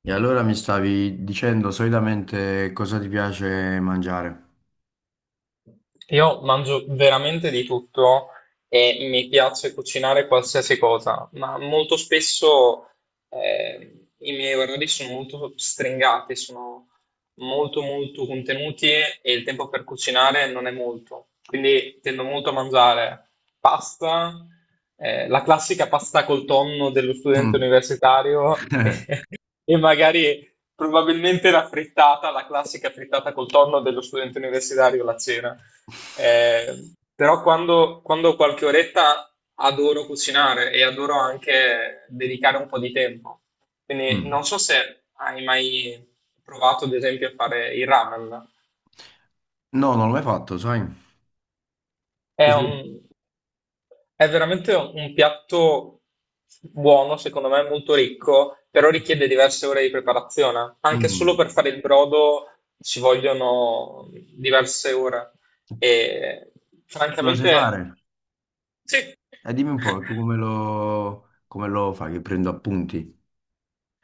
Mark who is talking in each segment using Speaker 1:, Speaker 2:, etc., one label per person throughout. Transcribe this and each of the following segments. Speaker 1: E allora mi stavi dicendo solitamente cosa ti piace mangiare?
Speaker 2: Io mangio veramente di tutto e mi piace cucinare qualsiasi cosa, ma molto spesso i miei orari sono molto stringati, sono molto molto contenuti e il tempo per cucinare non è molto. Quindi tendo molto a mangiare pasta, la classica pasta col tonno dello studente
Speaker 1: Mm.
Speaker 2: universitario. E magari probabilmente la frittata, la classica frittata col tonno dello studente universitario, la cena. Però quando ho qualche oretta adoro cucinare e adoro anche dedicare un po' di tempo. Quindi
Speaker 1: Mm.
Speaker 2: non so se hai mai provato, ad esempio, a fare il ramen.
Speaker 1: No, non l'ho mai fatto, sai?
Speaker 2: È
Speaker 1: Tu sì?
Speaker 2: un- è veramente un piatto buono, secondo me, molto ricco, però richiede diverse ore di preparazione. Anche solo
Speaker 1: Mm.
Speaker 2: per fare il brodo ci vogliono diverse ore.
Speaker 1: Tu
Speaker 2: E
Speaker 1: Lo sai
Speaker 2: francamente,
Speaker 1: fare?
Speaker 2: sì.
Speaker 1: E dimmi un po', tu come lo fai? Che prendo appunti?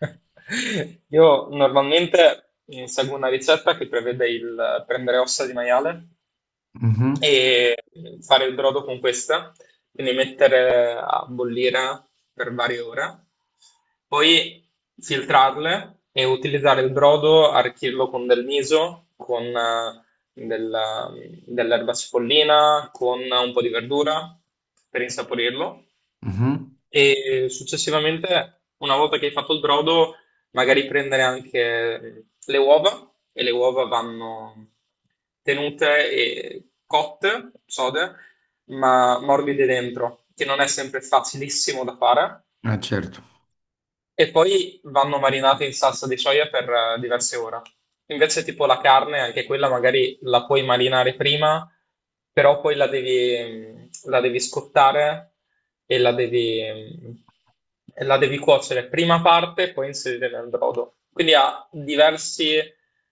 Speaker 2: Io normalmente seguo una ricetta che prevede il prendere ossa di maiale
Speaker 1: Mhm,
Speaker 2: e fare il brodo con questa, quindi mettere a bollire per varie ore, poi filtrarle e utilizzare il brodo, arricchirlo con del miso, con della- dell'erba cipollina, con un po' di verdura per insaporirlo.
Speaker 1: mhm.
Speaker 2: E successivamente, una volta che hai fatto il brodo, magari prendere anche le uova, e le uova vanno tenute e cotte, sode, ma morbide dentro, che non è sempre facilissimo da fare,
Speaker 1: Ah, certo.
Speaker 2: e poi vanno marinate in salsa di soia per diverse ore. Invece, tipo la carne, anche quella magari la puoi marinare prima, però poi la devi scottare e la devi, mm, e la devi cuocere prima parte e poi inserire nel brodo. Quindi ha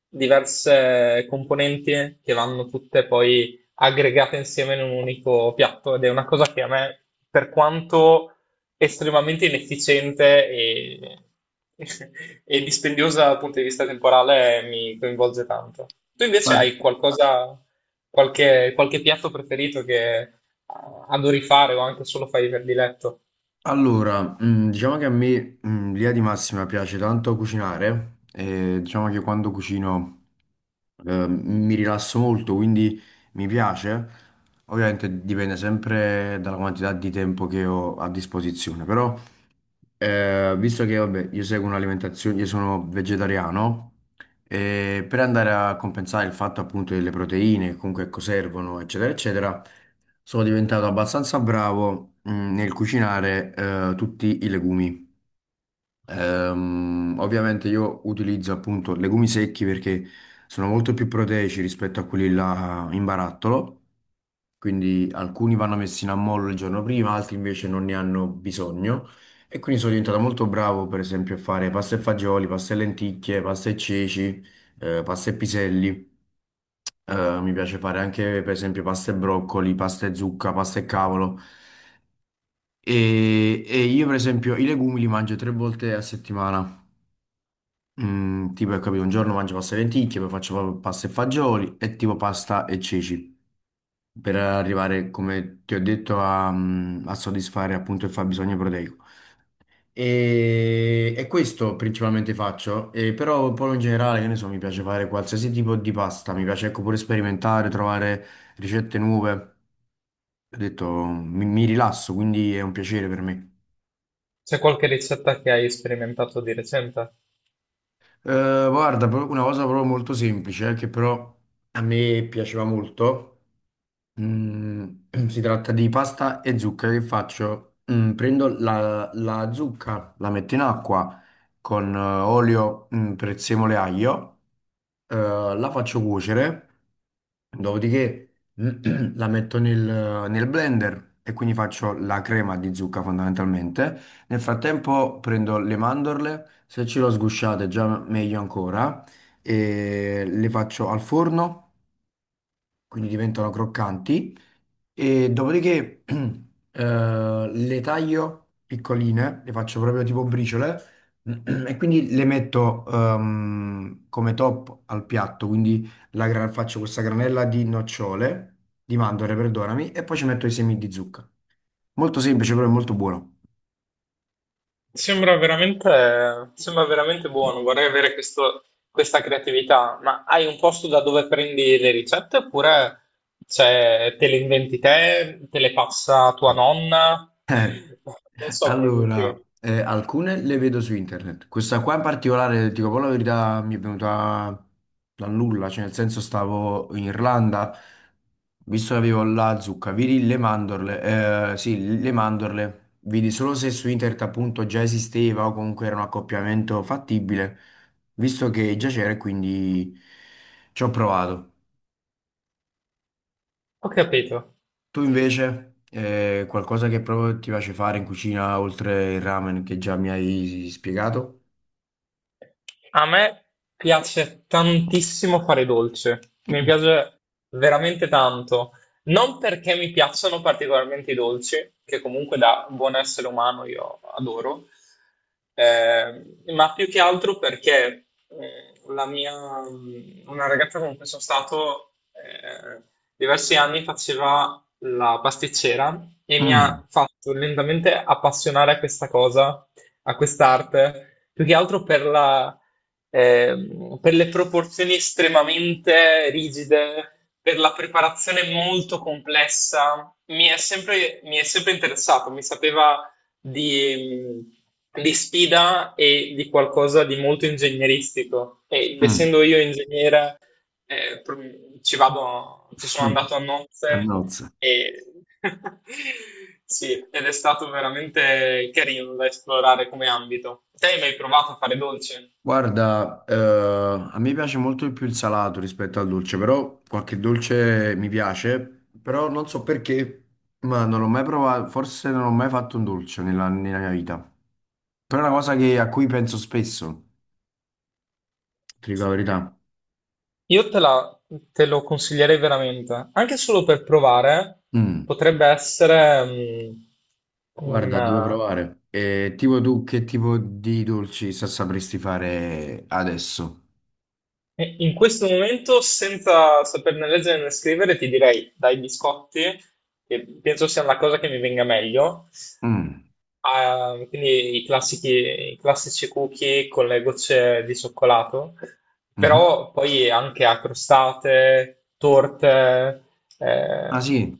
Speaker 2: diverse componenti che vanno tutte poi aggregate insieme in un unico piatto ed è una cosa che a me, per quanto estremamente inefficiente e, e dispendiosa dal punto di vista temporale, mi coinvolge tanto. Tu
Speaker 1: Ma
Speaker 2: invece hai qualcosa, qualche piatto preferito che adori fare o anche solo fai per diletto?
Speaker 1: Allora, diciamo che a me, l'idea di massima piace tanto cucinare e diciamo che quando cucino mi rilasso molto, quindi mi piace. Ovviamente dipende sempre dalla quantità di tempo che ho a disposizione, però visto che vabbè, io seguo un'alimentazione, io sono vegetariano, e per andare a compensare il fatto appunto delle proteine, comunque ecco, servono, eccetera, eccetera, sono diventato abbastanza bravo, nel cucinare, tutti i legumi. Ovviamente io utilizzo appunto legumi secchi perché sono molto più proteici rispetto a quelli là in barattolo, quindi alcuni vanno messi in ammollo il giorno prima, altri invece non ne hanno bisogno e quindi sono diventato molto bravo per esempio a fare pasta e fagioli, pasta e lenticchie, pasta e ceci, pasta e piselli. Mi piace fare anche per esempio pasta e broccoli, pasta e zucca, pasta e cavolo. E io per esempio i legumi li mangio tre volte a settimana. Tipo, hai capito, un giorno mangio pasta e lenticchie, poi faccio proprio pasta e fagioli e tipo pasta e ceci per arrivare, come ti ho detto, a soddisfare appunto il fabbisogno proteico. E questo principalmente faccio, e però poi in generale, che ne so, mi piace fare qualsiasi tipo di pasta, mi piace ecco pure sperimentare, trovare ricette nuove. Ho detto, mi rilasso, quindi è un piacere per me.
Speaker 2: C'è qualche ricetta che hai sperimentato di recente?
Speaker 1: Guarda, una cosa proprio molto semplice, che però a me piaceva molto. Mm, si tratta di pasta e zucca che faccio? Prendo la zucca, la metto in acqua con olio, prezzemolo e aglio, la faccio cuocere, dopodiché la metto nel blender e quindi faccio la crema di zucca fondamentalmente. Nel frattempo prendo le mandorle, se ce l'ho sgusciate già meglio ancora, e le faccio al forno, quindi diventano croccanti. E dopodiché le taglio piccoline, le faccio proprio tipo briciole, e quindi le metto come top al piatto. Quindi faccio questa granella di nocciole, di mandorle, perdonami, e poi ci metto i semi di zucca. Molto semplice, però è molto buono.
Speaker 2: Sembra veramente buono, vorrei avere questa creatività, ma hai un posto da dove prendi le ricette oppure cioè, te le inventi te, te le passa tua nonna?
Speaker 1: Eh,
Speaker 2: Non so come funziona.
Speaker 1: allora, alcune le vedo su internet. Questa qua in particolare, dico poi la verità, mi è venuta dal nulla, cioè nel senso stavo in Irlanda, visto che avevo la zucca, vidi le mandorle, sì, le mandorle, vidi solo se su internet appunto già esisteva o comunque era un accoppiamento fattibile, visto che già c'era e quindi ci ho provato.
Speaker 2: Ho capito.
Speaker 1: Tu invece, qualcosa che proprio ti piace fare in cucina oltre il ramen che già mi hai spiegato?
Speaker 2: A me piace tantissimo fare i dolci, mi piace veramente tanto. Non perché mi piacciono particolarmente i dolci, che comunque da buon essere umano io adoro, eh, ma più che altro perché una ragazza con cui sono stato diversi anni faceva la pasticcera e mi
Speaker 1: Mm,
Speaker 2: ha fatto lentamente appassionare a questa cosa, a quest'arte, più che altro per per le proporzioni estremamente rigide, per la preparazione molto complessa. Mi è sempre interessato, mi sapeva di, di sfida e di qualcosa di molto ingegneristico. Ed
Speaker 1: mm,
Speaker 2: essendo io ingegnere, eh, pro- ci sono
Speaker 1: mm,
Speaker 2: andato a
Speaker 1: A
Speaker 2: nozze
Speaker 1: nozze.
Speaker 2: e... Sì, ed è stato veramente carino da esplorare come ambito. Te hai mai provato a fare dolce?
Speaker 1: Guarda, a me piace molto di più il salato rispetto al dolce, però qualche dolce mi piace, però non so perché, ma non l'ho mai provato, forse non ho mai fatto un dolce nella, nella mia vita. Però è una cosa che- a cui penso spesso, ti dico la verità.
Speaker 2: Io te la- Te lo consiglierei veramente, anche solo per provare,
Speaker 1: Mm.
Speaker 2: potrebbe essere mm, un,
Speaker 1: Guarda, devo provare. Tipo tu, che tipo di dolci sapresti fare adesso?
Speaker 2: E in questo momento, senza saperne leggere né scrivere, ti direi dai biscotti, che penso sia una cosa che mi venga meglio.
Speaker 1: Mm.
Speaker 2: Ah, quindi i classici cookie con le gocce di cioccolato,
Speaker 1: Mhm.
Speaker 2: però poi anche a crostate, torte,
Speaker 1: Ah
Speaker 2: ehm,
Speaker 1: sì?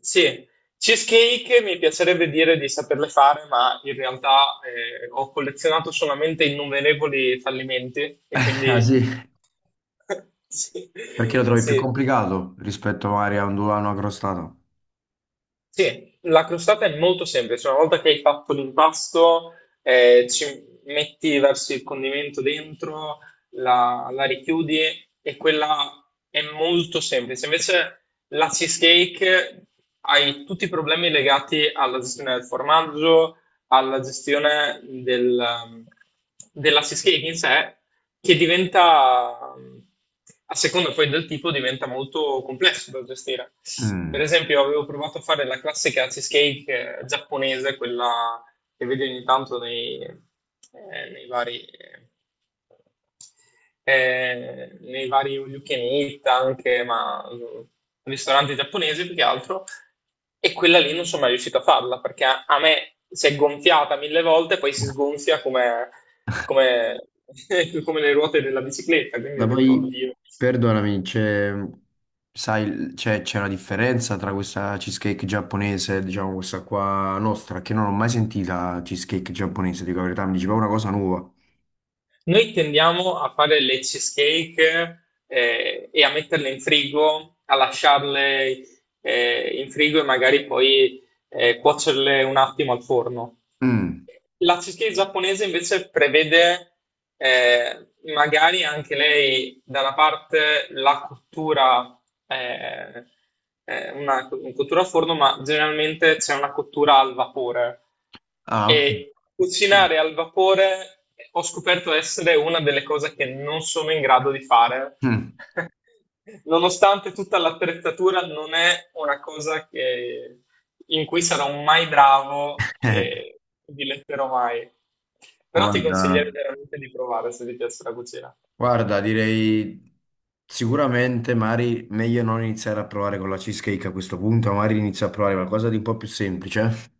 Speaker 2: sì, cheesecake mi piacerebbe dire di saperle fare, ma in realtà ho collezionato solamente innumerevoli fallimenti e
Speaker 1: Ah
Speaker 2: quindi
Speaker 1: sì,
Speaker 2: sì,
Speaker 1: perché lo trovi più
Speaker 2: sì.
Speaker 1: complicato rispetto magari a un dulano accrostato?
Speaker 2: Sì, la crostata è molto semplice. Una volta che hai fatto l'impasto, ci versi il condimento dentro, la richiudi e quella è molto semplice. Invece la cheesecake hai tutti i problemi legati alla gestione del formaggio, alla della cheesecake in sé, che diventa, a seconda poi del tipo, diventa molto complesso da gestire. Per
Speaker 1: Mm.
Speaker 2: esempio, avevo provato a fare la classica cheesecake giapponese, quella che vedi ogni tanto nei vari all you can eat anche, ma ristoranti giapponesi più che altro, e quella lì non sono mai riuscito a farla, perché a me si è gonfiata mille volte, poi si sgonfia come come le ruote della bicicletta, quindi
Speaker 1: ma
Speaker 2: ho detto,
Speaker 1: poi
Speaker 2: oddio.
Speaker 1: Perdonami, c'è sai, c'è una differenza tra questa cheesecake giapponese e diciamo questa qua nostra, che non ho mai sentita cheesecake giapponese, dico la verità, mi diceva una cosa nuova.
Speaker 2: Noi tendiamo a fare le cheesecake e a metterle in frigo, a lasciarle in frigo e magari poi cuocerle un attimo al forno.
Speaker 1: Mm.
Speaker 2: La cheesecake giapponese invece prevede magari anche lei da una parte la cottura, eh, un cottura a forno, ma generalmente c'è una cottura al vapore.
Speaker 1: Ah, ok.
Speaker 2: E cucinare al vapore ho scoperto essere una delle cose che non sono in grado di fare.
Speaker 1: Mm.
Speaker 2: Nonostante tutta l'attrezzatura, non è una cosa in cui sarò mai bravo
Speaker 1: Eh,
Speaker 2: e diletterò mai. Però ti consiglierei
Speaker 1: Guarda.
Speaker 2: veramente di provare se ti piace la cucina.
Speaker 1: Guarda, direi sicuramente Mari meglio non iniziare a provare con la cheesecake a questo punto, magari inizio a provare qualcosa di un po' più semplice.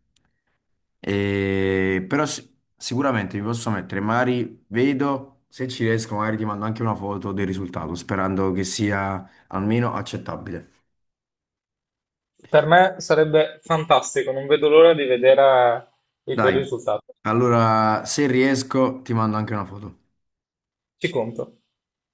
Speaker 1: Però sicuramente mi posso mettere Mari, vedo, se ci riesco magari ti mando anche una foto del risultato, sperando che sia almeno accettabile.
Speaker 2: Per me sarebbe fantastico, non vedo l'ora di vedere i tuoi
Speaker 1: Dai,
Speaker 2: risultati.
Speaker 1: allora se riesco ti mando anche una foto.
Speaker 2: Ci conto.